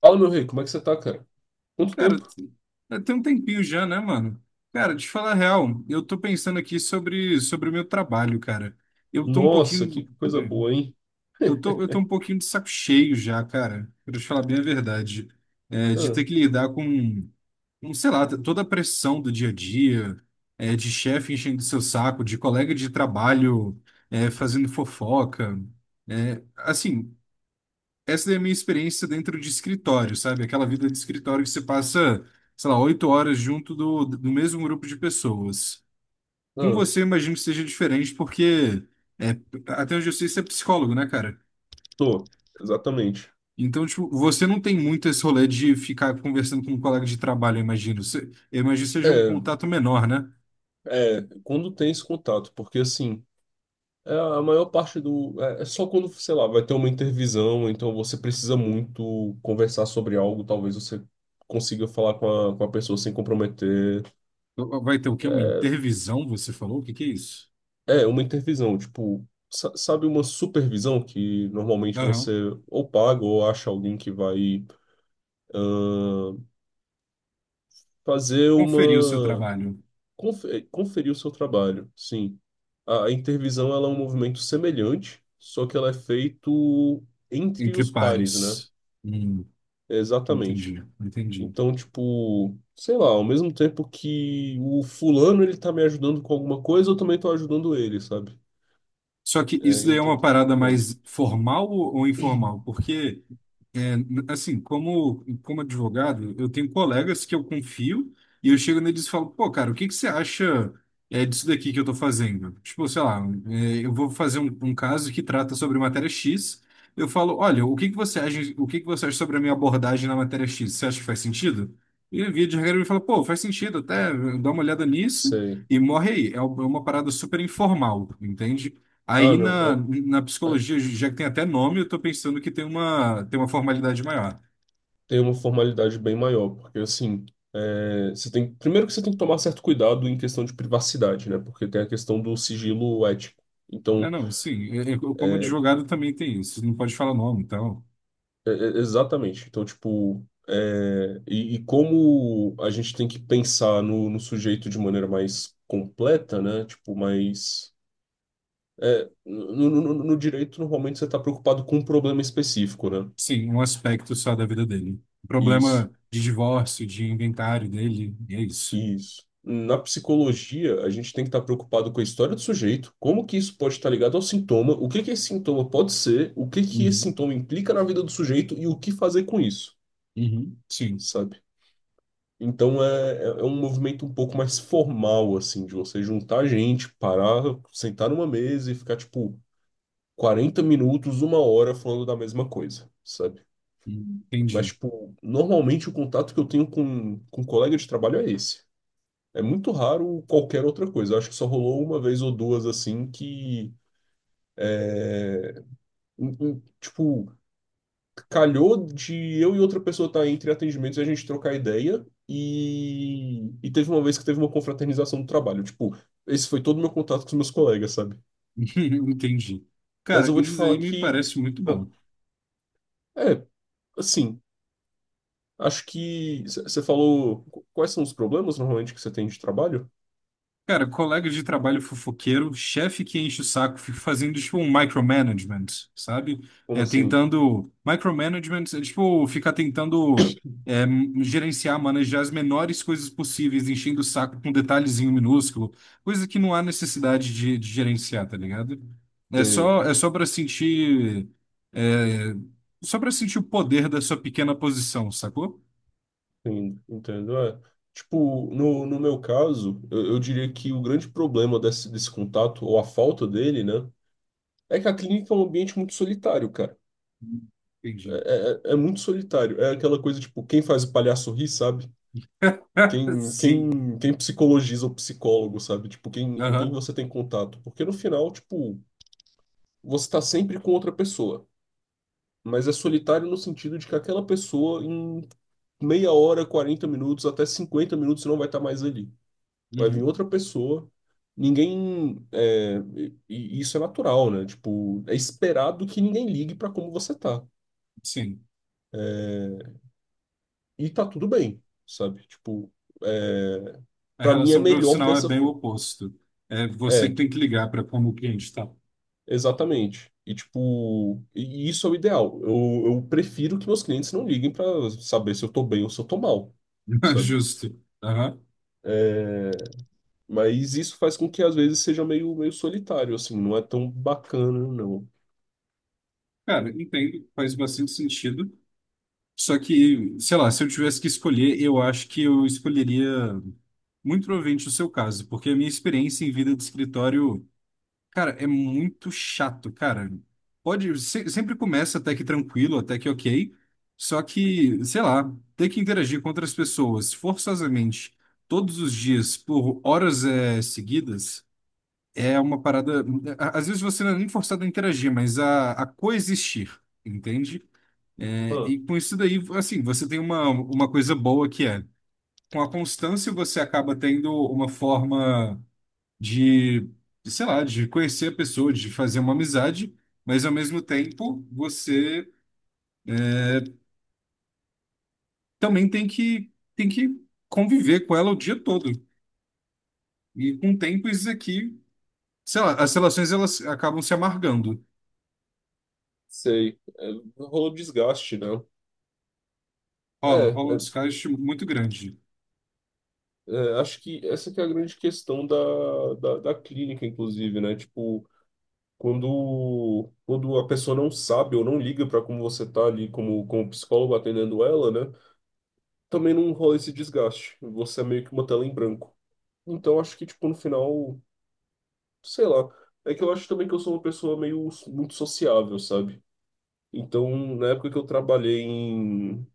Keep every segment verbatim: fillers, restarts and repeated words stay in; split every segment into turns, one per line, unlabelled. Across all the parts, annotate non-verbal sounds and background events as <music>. Fala, meu rei, como é que você tá, cara? Quanto
Cara,
tempo?
t- tem um tempinho já, né, mano? Cara, de falar a real, eu tô pensando aqui sobre, sobre o meu trabalho, cara. Eu tô um
Nossa,
pouquinho.
que coisa
é,
boa, hein?
Eu tô, eu tô um
<laughs>
pouquinho de saco cheio já, cara. Pra te falar bem a verdade. É, de
Ah,
ter que lidar com, com, sei lá, toda a pressão do dia a dia, é, de chefe enchendo seu saco, de colega de trabalho, é, fazendo fofoca. É, assim, essa é a minha experiência dentro de escritório, sabe? Aquela vida de escritório que você passa, sei lá, oito horas junto do, do mesmo grupo de pessoas. Com
ah,
você, imagino que seja diferente, porque é, até onde eu sei, você é psicólogo, né, cara?
tô, exatamente.
Então, tipo, você não tem muito esse rolê de ficar conversando com um colega de trabalho, eu imagino. Você, eu imagino que seja um
É,
contato menor, né?
é, quando tem esse contato, porque assim, é a maior parte do. É, é só quando, sei lá, vai ter uma intervisão, então você precisa muito conversar sobre algo, talvez você consiga falar com a, com a pessoa sem comprometer.
Vai ter o quê? Uma intervisão, você falou? O que que é isso?
É, é uma intervisão, tipo, sa- sabe uma supervisão que normalmente você
Aham.
ou paga ou acha alguém que vai fazer
Conferir o seu
uma
trabalho
confe- conferir o seu trabalho, sim. A, a intervisão ela é um movimento semelhante, só que ela é feito entre
entre
os pares, né?
pares. Hum,
Exatamente.
entendi, entendi.
Então, tipo, sei lá, ao mesmo tempo que o fulano ele tá me ajudando com alguma coisa, eu também tô ajudando ele, sabe?
Só que isso
É,
daí é
então
uma
tem esse
parada
movimento.
mais formal ou ou informal? Porque, é, n- assim, como, como advogado, eu tenho colegas que eu confio e eu chego neles e falo, pô, cara, o que que você acha é, disso daqui que eu tô fazendo? Tipo, sei lá, é, eu vou fazer um, um caso que trata sobre matéria X. Eu falo, olha, o que que você acha, o que que você acha sobre a minha abordagem na matéria X? Você acha que faz sentido? E via de regra ele fala, pô, faz sentido até, dá uma olhada nisso
Sei.
e morre aí. É é uma parada super informal, entende?
Ah,
Aí
não.
na, na
É, é,
psicologia, já que tem até nome, eu tô pensando que tem uma, tem uma formalidade maior.
tem uma formalidade bem maior, porque assim, é, você tem, primeiro que você tem que tomar certo cuidado em questão de privacidade, né? Porque tem a questão do sigilo ético.
É,
Então,
não, sim, eu, eu, como
é,
advogado também tem isso, não pode falar nome, então,
é, é- exatamente. Então, tipo, é, e, e como a gente tem que pensar no, no sujeito de maneira mais completa, né? Tipo, mais é, no, no- no- no direito, normalmente você está preocupado com um problema específico, né?
sim, um aspecto só da vida dele.
Isso.
Problema de divórcio, de inventário dele, e é isso.
Isso. Na psicologia, a gente tem que estar preocupado com a história do sujeito, como que isso pode estar ligado ao sintoma, o que que esse sintoma pode ser, o que que esse
Uhum,
sintoma implica na vida do sujeito e o que fazer com isso,
uhum, sim,
sabe? Então é, é é um movimento um pouco mais formal, assim, de você juntar gente, parar, sentar numa mesa e ficar, tipo, quarenta minutos, uma hora falando da mesma coisa, sabe? Mas,
entendi.
tipo, normalmente o contato que eu tenho com, com colega de trabalho é esse. É muito raro qualquer outra coisa. Eu acho que só rolou uma vez ou duas assim que, em- em- tipo, calhou de eu e outra pessoa estar entre atendimentos e a gente trocar ideia. E, e teve uma vez que teve uma confraternização do trabalho. Tipo, esse foi todo o meu contato com os meus colegas, sabe?
<laughs> Entendi.
Mas
Cara,
eu vou te
isso
falar
aí me
que.
parece muito bom.
É, assim, acho que. Você falou. qu- Quais são os problemas normalmente que você tem de trabalho?
Cara, colega de trabalho fofoqueiro, chefe que enche o saco, fica fazendo tipo um micromanagement, sabe?
Como
É,
assim?
tentando. Micromanagement é tipo ficar tentando é, gerenciar, manejar as menores coisas possíveis, enchendo o saco com detalhezinho minúsculo, coisa que não há necessidade de, de gerenciar, tá ligado? É
Você
só, é só para sentir. é, Só para sentir o poder da sua pequena posição, sacou?
entendo, entendo, é. Tipo, no, no meu caso, eu, eu diria que o grande problema desse, desse contato, ou a falta dele, né, é que a clínica é um ambiente muito solitário, cara.
Entendi.
É, é, é é muito solitário. É aquela coisa, tipo, quem faz o palhaço rir, sabe?
<laughs>
Quem,
Sim.
quem, quem psicologiza o psicólogo, sabe? Tipo, quem, com quem
Aham.
você tem contato. Porque no final, tipo, você tá sempre com outra pessoa. Mas é solitário no sentido de que aquela pessoa, em meia hora, quarenta minutos, até cinquenta minutos, não vai estar mais ali. Vai vir
Uhum.
outra pessoa. Ninguém. é, e, e isso é natural, né? Tipo, é esperado que ninguém ligue pra como você tá.
Sim.
E tá tudo bem, sabe? Tipo, é,
A
para mim é
relação
melhor
profissional é
dessa
bem o
forma.
oposto. É você que
É,
tem que ligar para como o cliente está.
exatamente. E, tipo, e e isso é o ideal. Eu, eu prefiro que meus clientes não liguem pra saber se eu tô bem ou se eu tô mal,
<laughs>
sabe?
Justo. Aham.
É, mas isso faz com que às vezes seja meio, meio solitário, assim, não é tão bacana, não.
Cara, entendo, faz bastante sentido. Só que, sei lá, se eu tivesse que escolher, eu acho que eu escolheria muito provavelmente o seu caso, porque a minha experiência em vida de escritório. Cara, é muito chato, cara. Pode, se- sempre começa até que tranquilo, até que ok. Só que, sei lá, ter que interagir com outras pessoas forçosamente todos os dias por horas eh, seguidas é uma parada. a- Às vezes você não é nem forçado a interagir, mas a, a coexistir, entende? É, e
Ah.
com isso daí, assim, você tem uma, uma coisa boa que é, com a constância você acaba tendo uma forma de, sei lá, de conhecer a pessoa, de fazer uma amizade, mas ao mesmo tempo você é, também tem que, tem que conviver com ela o dia todo. E com o tempo isso aqui, sei lá, as relações elas acabam se amargando.
Sei. É, rolou desgaste, né?
Rola, rola um
É,
desgaste muito grande.
é, é, acho que essa que é a grande questão da, da, da clínica, inclusive, né? Tipo, quando, quando a pessoa não sabe ou não liga para como você tá ali como, como psicólogo atendendo ela, né? Também não rola esse desgaste. Você é meio que uma tela em branco. Então, acho que, tipo, no final, sei lá. É que eu acho também que eu sou uma pessoa meio muito sociável, sabe? Então, na época que eu trabalhei em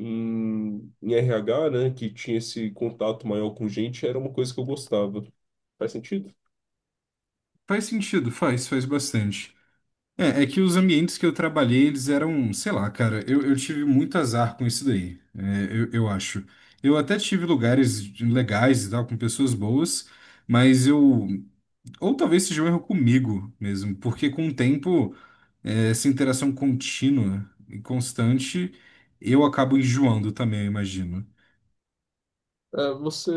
em, em R agá, né, que tinha esse contato maior com gente, era uma coisa que eu gostava. Faz sentido?
Faz sentido, faz, faz bastante. É, é que os ambientes que eu trabalhei, eles eram, sei lá, cara, eu, eu tive muito azar com isso daí, é, eu, eu acho. Eu até tive lugares de- legais e tal, com pessoas boas, mas eu. Ou talvez seja um erro comigo mesmo, porque com o tempo, é, essa interação contínua e constante, eu acabo enjoando também, eu imagino.
É, você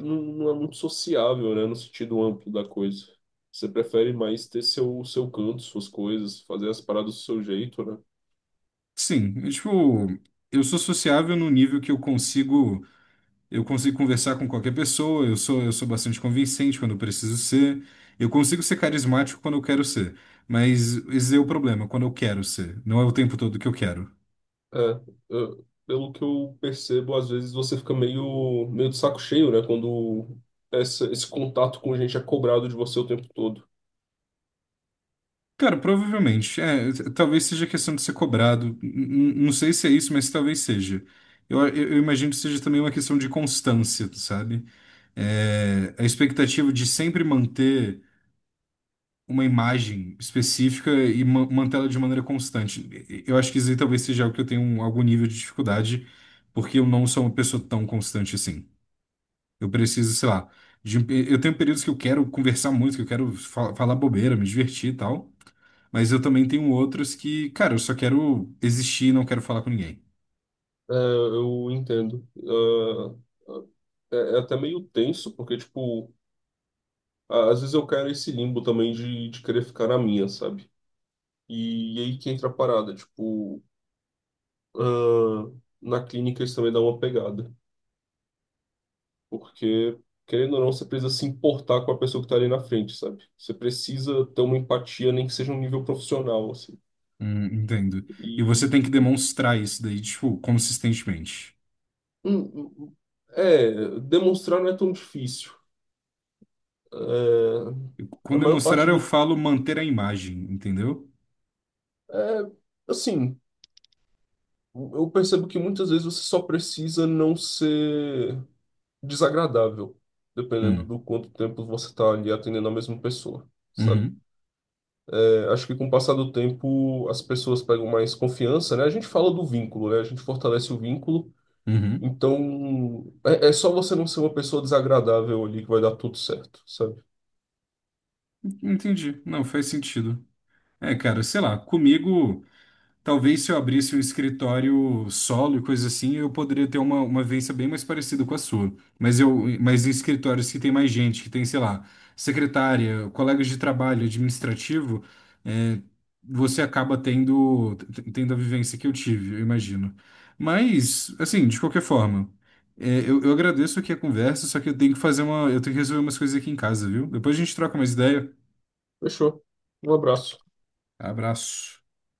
não, não é muito sociável, né, no sentido amplo da coisa. Você prefere mais ter seu, seu canto, suas coisas, fazer as paradas do seu jeito, né?
Sim, é tipo, eu sou sociável no nível que eu consigo. Eu consigo conversar com qualquer pessoa, eu sou, eu sou bastante convincente quando eu preciso ser. Eu consigo ser carismático quando eu quero ser. Mas esse é o problema, quando eu quero ser. Não é o tempo todo que eu quero.
É, eu- pelo que eu percebo, às vezes você fica meio, meio de saco cheio, né, quando essa, esse contato com gente é cobrado de você o tempo todo.
Cara, provavelmente. É, t- talvez seja questão de ser cobrado. N- n- Não sei se é isso, mas talvez seja. Eu, eu- eu imagino que seja também uma questão de constância, sabe? É, a expectativa de sempre manter uma imagem específica e ma- mantê-la de maneira constante. E- Eu acho que isso aí talvez seja algo que eu tenho um- algum nível de dificuldade, porque eu não sou uma pessoa tão constante assim. Eu preciso, sei lá, de um pe- eu tenho períodos que eu quero conversar muito, que eu quero fa- falar bobeira, me divertir e tal, mas eu também tenho outros que, cara, eu só quero existir e não quero falar com ninguém.
É, eu entendo. É, é, é até meio tenso, porque, tipo, a- às vezes eu quero nesse limbo também de, de querer ficar na minha, sabe? E, e aí que entra a parada, tipo, ah, na clínica isso também dá uma pegada, porque, querendo ou não, você precisa se importar com a pessoa que tá ali na frente, sabe? Você precisa ter uma empatia, nem que seja um nível profissional, assim.
Hum, entendo. E você tem
E,
que demonstrar isso daí, tipo, consistentemente.
hum, hum, é, demonstrar não é tão difícil. É,
Com
a maior
demonstrar,
parte
eu
do...
falo manter a imagem, entendeu?
É, assim... Eu percebo que muitas vezes você só precisa não ser desagradável, dependendo
Hum.
do quanto tempo você está ali atendendo a mesma pessoa, sabe?
Uhum.
É, acho que com o passar do tempo as pessoas pegam mais confiança, né? A gente fala do vínculo, né? A gente fortalece o vínculo,
Uhum.
então é, é só você não ser uma pessoa desagradável ali que vai dar tudo certo, sabe?
Entendi. Não, faz sentido. É, cara, sei lá, comigo, talvez se eu abrisse um escritório solo e coisa assim, eu poderia ter uma, uma vivência bem mais parecida com a sua. Mas eu, mas em escritórios que tem mais gente, que tem, sei lá, secretária, colegas de trabalho, administrativo, é, você acaba tendo, t- tendo a vivência que eu tive, eu imagino. Mas, assim, de qualquer forma, é, eu, eu agradeço aqui a conversa, só que eu tenho que fazer uma, eu tenho que resolver umas coisas aqui em casa, viu? Depois a gente troca mais ideia.
Fechou. Um abraço.
Abraço.